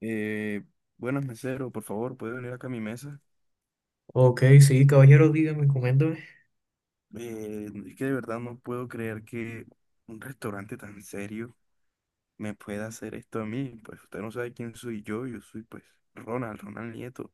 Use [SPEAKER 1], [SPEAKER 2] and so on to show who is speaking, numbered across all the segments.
[SPEAKER 1] Eh, Buenas, mesero, por favor, ¿puede venir acá a mi mesa?
[SPEAKER 2] Ok, sí, caballero, dígame, coméntame.
[SPEAKER 1] Es que de verdad no puedo creer que un restaurante tan serio me pueda hacer esto a mí. Pues usted no sabe quién soy yo, yo soy pues Ronald Nieto.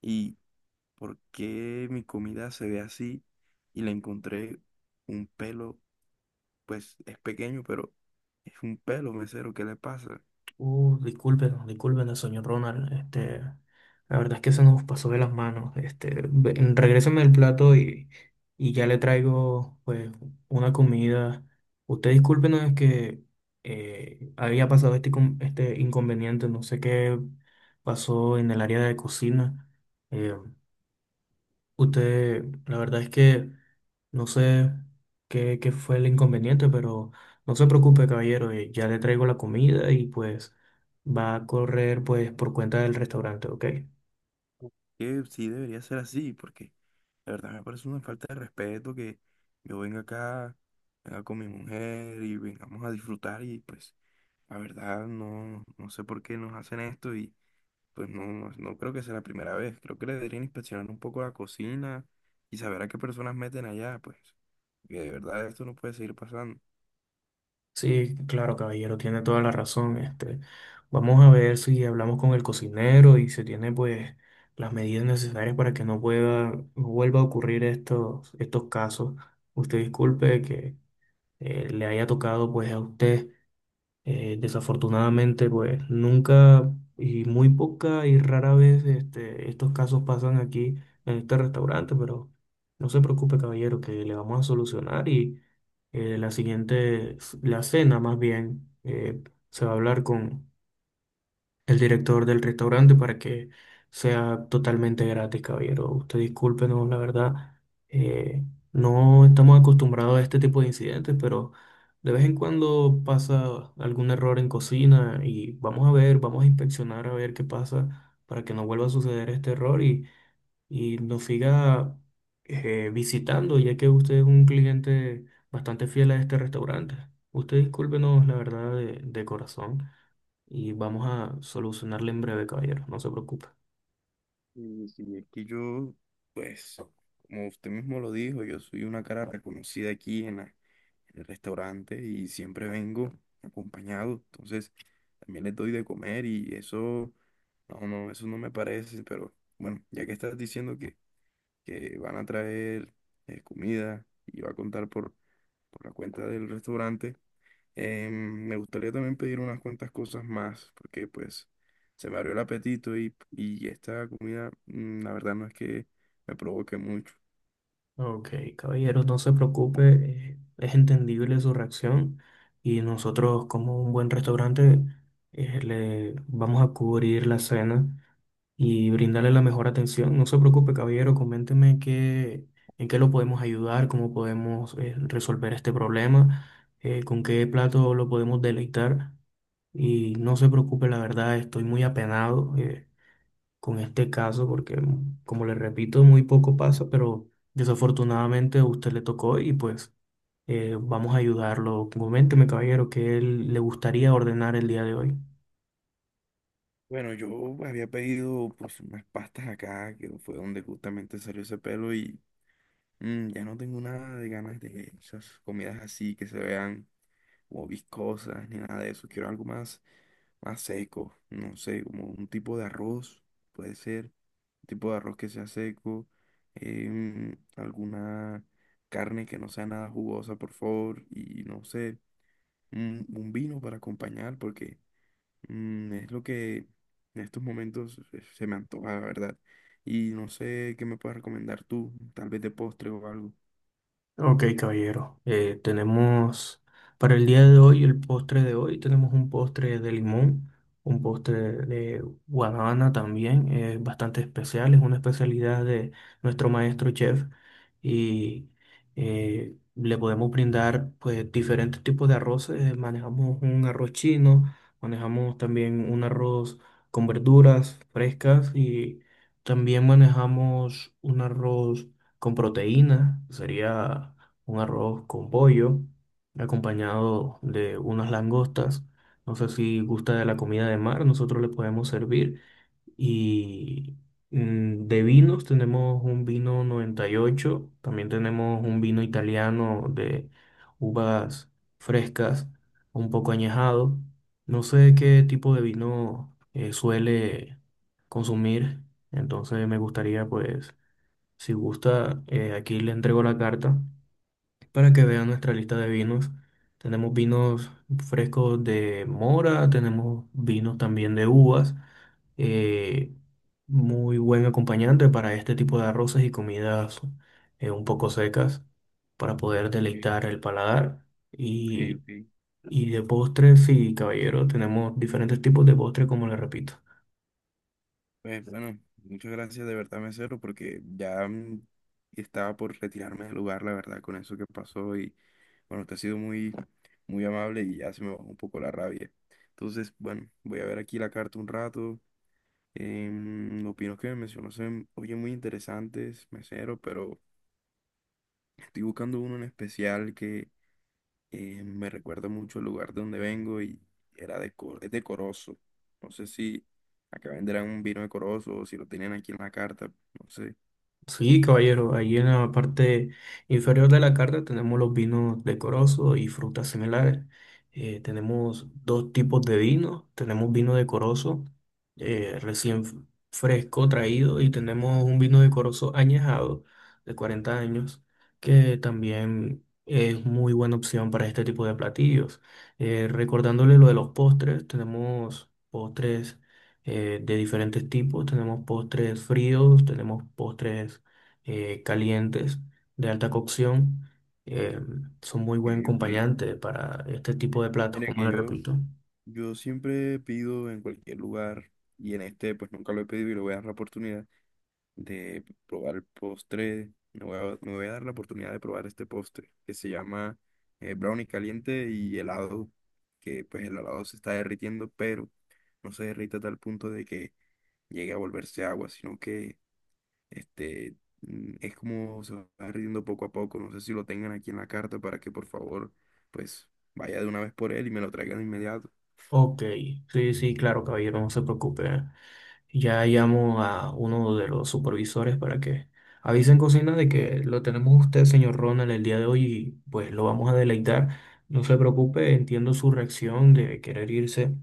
[SPEAKER 1] ¿Y por qué mi comida se ve así? Y le encontré un pelo, pues es pequeño, pero es un pelo, mesero, ¿qué le pasa?
[SPEAKER 2] Discúlpenos, discúlpenos, señor Ronald. Este, la verdad es que se nos pasó de las manos. Este, regréseme el plato y ya le traigo, pues, una comida. Usted discúlpenos, es que había pasado este, este inconveniente. No sé qué pasó en el área de cocina. Eh, Usted, la verdad es que no sé qué fue el inconveniente, pero no se preocupe, caballero, ya le traigo la comida y pues va a correr pues por cuenta del restaurante, ¿ok?
[SPEAKER 1] Que sí debería ser así, porque la verdad me parece una falta de respeto que yo venga acá, venga con mi mujer y vengamos a disfrutar, y pues la verdad no sé por qué nos hacen esto. Y pues no, no, no creo que sea la primera vez, creo que le deberían inspeccionar un poco la cocina y saber a qué personas meten allá, pues que de verdad esto no puede seguir pasando.
[SPEAKER 2] Sí, claro, caballero, tiene toda la razón. Este, vamos a ver si hablamos con el cocinero y se tiene pues las medidas necesarias para que no pueda, no vuelva a ocurrir estos casos. Usted disculpe que le haya tocado pues a usted. Desafortunadamente, pues nunca y muy poca y rara vez este, estos casos pasan aquí en este restaurante, pero no se preocupe, caballero, que le vamos a solucionar y la siguiente, la cena más bien, se va a hablar con el director del restaurante para que sea totalmente gratis, caballero. Usted discúlpenos, la verdad, eh, no estamos acostumbrados a este tipo de incidentes, pero de vez en cuando pasa algún error en cocina y vamos a ver, vamos a inspeccionar a ver qué pasa para que no vuelva a suceder este error y nos siga visitando, ya que usted es un cliente bastante fiel a este restaurante. Usted discúlpenos, la verdad, de corazón y vamos a solucionarle en breve, caballero. No se preocupe.
[SPEAKER 1] Y si es que yo, pues, como usted mismo lo dijo, yo soy una cara reconocida aquí en la en el restaurante y siempre vengo acompañado. Entonces, también les doy de comer y eso, no, no, eso no me parece, pero bueno, ya que estás diciendo que van a traer comida y va a contar por la cuenta del restaurante, me gustaría también pedir unas cuantas cosas más, porque pues se me abrió el apetito y esta comida, la verdad no es que me provoque mucho.
[SPEAKER 2] Ok, caballero, no se preocupe. Eh, es entendible su reacción y nosotros, como un buen restaurante, le vamos a cubrir la cena y brindarle la mejor atención. No se preocupe, caballero. Coménteme en qué lo podemos ayudar, cómo podemos resolver este problema, con qué plato lo podemos deleitar. Y no se preocupe, la verdad, estoy muy apenado con este caso, porque como le repito, muy poco pasa, pero desafortunadamente a usted le tocó y pues vamos a ayudarlo. Coménteme, caballero, qué le gustaría ordenar el día de hoy.
[SPEAKER 1] Bueno, yo había pedido pues unas pastas acá, que fue donde justamente salió ese pelo, y ya no tengo nada de ganas de esas comidas así que se vean como viscosas ni nada de eso. Quiero algo más, más seco, no sé, como un tipo de arroz, puede ser, un tipo de arroz que sea seco, alguna carne que no sea nada jugosa, por favor, y no sé, un vino para acompañar porque... Mm, es lo que en estos momentos se me antoja, la verdad. Y no sé qué me puedes recomendar tú, tal vez de postre o algo.
[SPEAKER 2] Ok, caballero. Tenemos para el día de hoy, el postre de hoy, tenemos un postre de limón, un postre de guanábana también, bastante especial, es una especialidad de nuestro maestro chef y le podemos brindar pues diferentes tipos de arroces. Eh, manejamos un arroz chino, manejamos también un arroz con verduras frescas y también manejamos un arroz con proteína, sería un arroz con pollo, acompañado de unas langostas. No sé si gusta de la comida de mar, nosotros le podemos servir. Y mm, de vinos tenemos un vino 98, también tenemos un vino italiano de uvas frescas, un poco añejado. No sé qué tipo de vino suele consumir, entonces me gustaría pues si gusta, aquí le entrego la carta para que vea nuestra lista de vinos. Tenemos vinos frescos de mora, tenemos vinos también de uvas. Eh, muy buen acompañante para este tipo de arroces y comidas un poco secas para poder deleitar
[SPEAKER 1] Ok,
[SPEAKER 2] el paladar.
[SPEAKER 1] ok,
[SPEAKER 2] Y,
[SPEAKER 1] ok.
[SPEAKER 2] y de postres, sí, caballero, tenemos diferentes tipos de postres, como le repito.
[SPEAKER 1] Pues bueno, muchas gracias de verdad, mesero, porque ya, estaba por retirarme del lugar, la verdad, con eso que pasó. Y bueno, usted ha sido muy, muy amable y ya se me bajó un poco la rabia. Entonces, bueno, voy a ver aquí la carta un rato. Los pinos que me mencionó se oyen muy interesantes, mesero, pero... Estoy buscando uno en especial que me recuerda mucho al lugar de donde vengo, y era de, es de Corozo. No sé si acá venderán un vino de Corozo o si lo tienen aquí en la carta, no sé.
[SPEAKER 2] Sí, caballero, ahí en la parte inferior de la carta tenemos los vinos decorosos y frutas similares. Tenemos dos tipos de vino. Tenemos vino decoroso recién fresco traído y tenemos un vino decoroso añejado de 40 años que también es muy buena opción para este tipo de platillos. Recordándole lo de los postres, tenemos postres de diferentes tipos. Tenemos postres fríos, tenemos postres calientes, de alta cocción, eh, son muy
[SPEAKER 1] Ok,
[SPEAKER 2] buen
[SPEAKER 1] ok.
[SPEAKER 2] acompañante para este tipo de platos,
[SPEAKER 1] Mira
[SPEAKER 2] como
[SPEAKER 1] que
[SPEAKER 2] le
[SPEAKER 1] yo,
[SPEAKER 2] repito.
[SPEAKER 1] yo siempre pido en cualquier lugar y en este pues nunca lo he pedido y lo voy a dar la oportunidad de probar el postre. Me voy a dar la oportunidad de probar este postre que se llama brownie caliente y helado, que pues el helado se está derritiendo, pero no se derrite a tal punto de que llegue a volverse agua, sino que este, mm, es como se va derritiendo poco a poco. No sé si lo tengan aquí en la carta para que por favor pues vaya de una vez por él y me lo traigan de inmediato.
[SPEAKER 2] Ok, sí, sí, claro, caballero, no se preocupe. Ya llamo a uno de los supervisores para que avisen cocina de que lo tenemos usted, señor Ronald, el día de hoy y pues lo vamos a deleitar. No se preocupe, entiendo su reacción de querer irse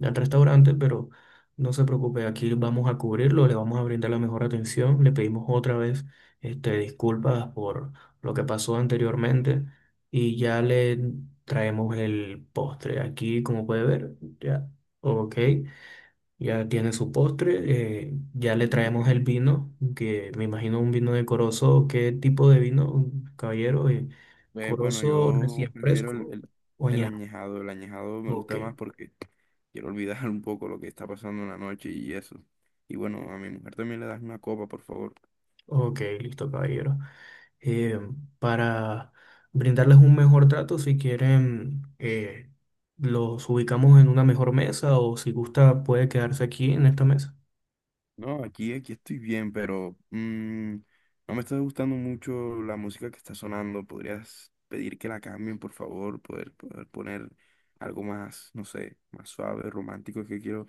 [SPEAKER 2] al restaurante, pero no se preocupe, aquí vamos a cubrirlo, le vamos a brindar la mejor atención. Le pedimos otra vez este, disculpas por lo que pasó anteriormente y ya le traemos el postre. Aquí, como puede ver, ya, ok, ya tiene su postre. Eh, ya
[SPEAKER 1] Ok,
[SPEAKER 2] le
[SPEAKER 1] ok.
[SPEAKER 2] traemos el vino, que me imagino un vino de Corozo. ¿Qué tipo de vino, caballero?
[SPEAKER 1] Bueno,
[SPEAKER 2] ¿Corozo
[SPEAKER 1] yo
[SPEAKER 2] recién
[SPEAKER 1] prefiero
[SPEAKER 2] fresco o
[SPEAKER 1] el
[SPEAKER 2] añejo?
[SPEAKER 1] añejado. El añejado me
[SPEAKER 2] Ok,
[SPEAKER 1] gusta más porque quiero olvidar un poco lo que está pasando en la noche y eso. Y bueno, a mi mujer también le das una copa, por favor.
[SPEAKER 2] ok, listo, caballero. Eh, para brindarles un mejor trato, si quieren, los ubicamos en una mejor mesa o si gusta, puede quedarse aquí en esta mesa.
[SPEAKER 1] No, aquí, aquí estoy bien, pero mm, no me está gustando mucho la música que está sonando. ¿Podrías pedir que la cambien, por favor? Poder poner algo más, no sé, más suave, romántico, es que quiero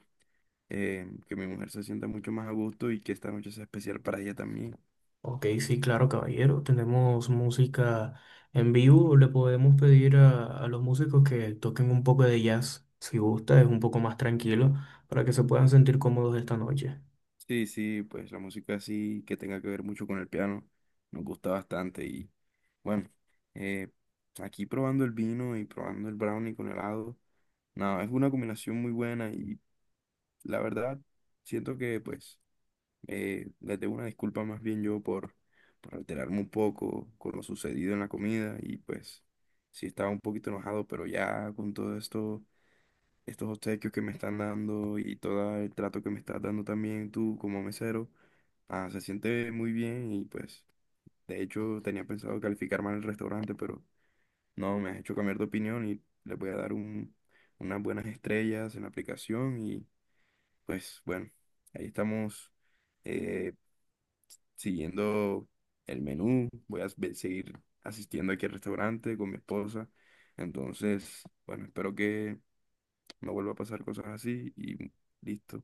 [SPEAKER 1] que mi mujer se sienta mucho más a gusto y que esta noche sea especial para ella también.
[SPEAKER 2] Ok, sí, claro, caballero. Tenemos música en vivo. Le podemos pedir a los músicos que toquen un poco de jazz, si gusta, es un poco más tranquilo, para que se puedan sentir cómodos esta noche.
[SPEAKER 1] Sí, sí, pues la música así que tenga que ver mucho con el piano, nos gusta bastante. Y bueno, eh, aquí probando el vino y probando el brownie con helado, nada, es una combinación muy buena, y la verdad siento que pues les debo una disculpa más bien yo por alterarme un poco con lo sucedido en la comida, y pues sí estaba un poquito enojado, pero ya con todo esto, estos obsequios que me están dando y todo el trato que me estás dando también tú como mesero, ah, se siente muy bien. Y pues de hecho tenía pensado calificar mal el restaurante, pero no, me has hecho cambiar de opinión y le voy a dar unas buenas estrellas en la aplicación. Y pues bueno, ahí estamos, eh, siguiendo el menú, voy a seguir asistiendo aquí al restaurante con mi esposa, entonces bueno, espero que no vuelva a pasar cosas así y listo.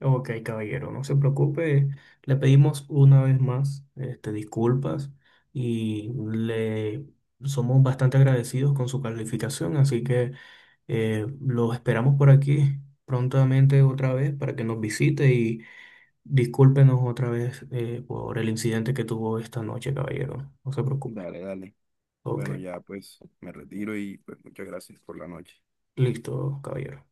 [SPEAKER 2] Ok, caballero, no se preocupe. Le pedimos una vez más, este, disculpas y le somos bastante agradecidos con su calificación, así que lo esperamos por aquí prontamente otra vez para que nos visite. Discúlpenos otra vez por el incidente que tuvo esta noche, caballero. No se preocupe.
[SPEAKER 1] Dale, dale.
[SPEAKER 2] Ok,
[SPEAKER 1] Bueno, ya pues me retiro y pues muchas gracias por la noche.
[SPEAKER 2] listo, caballero.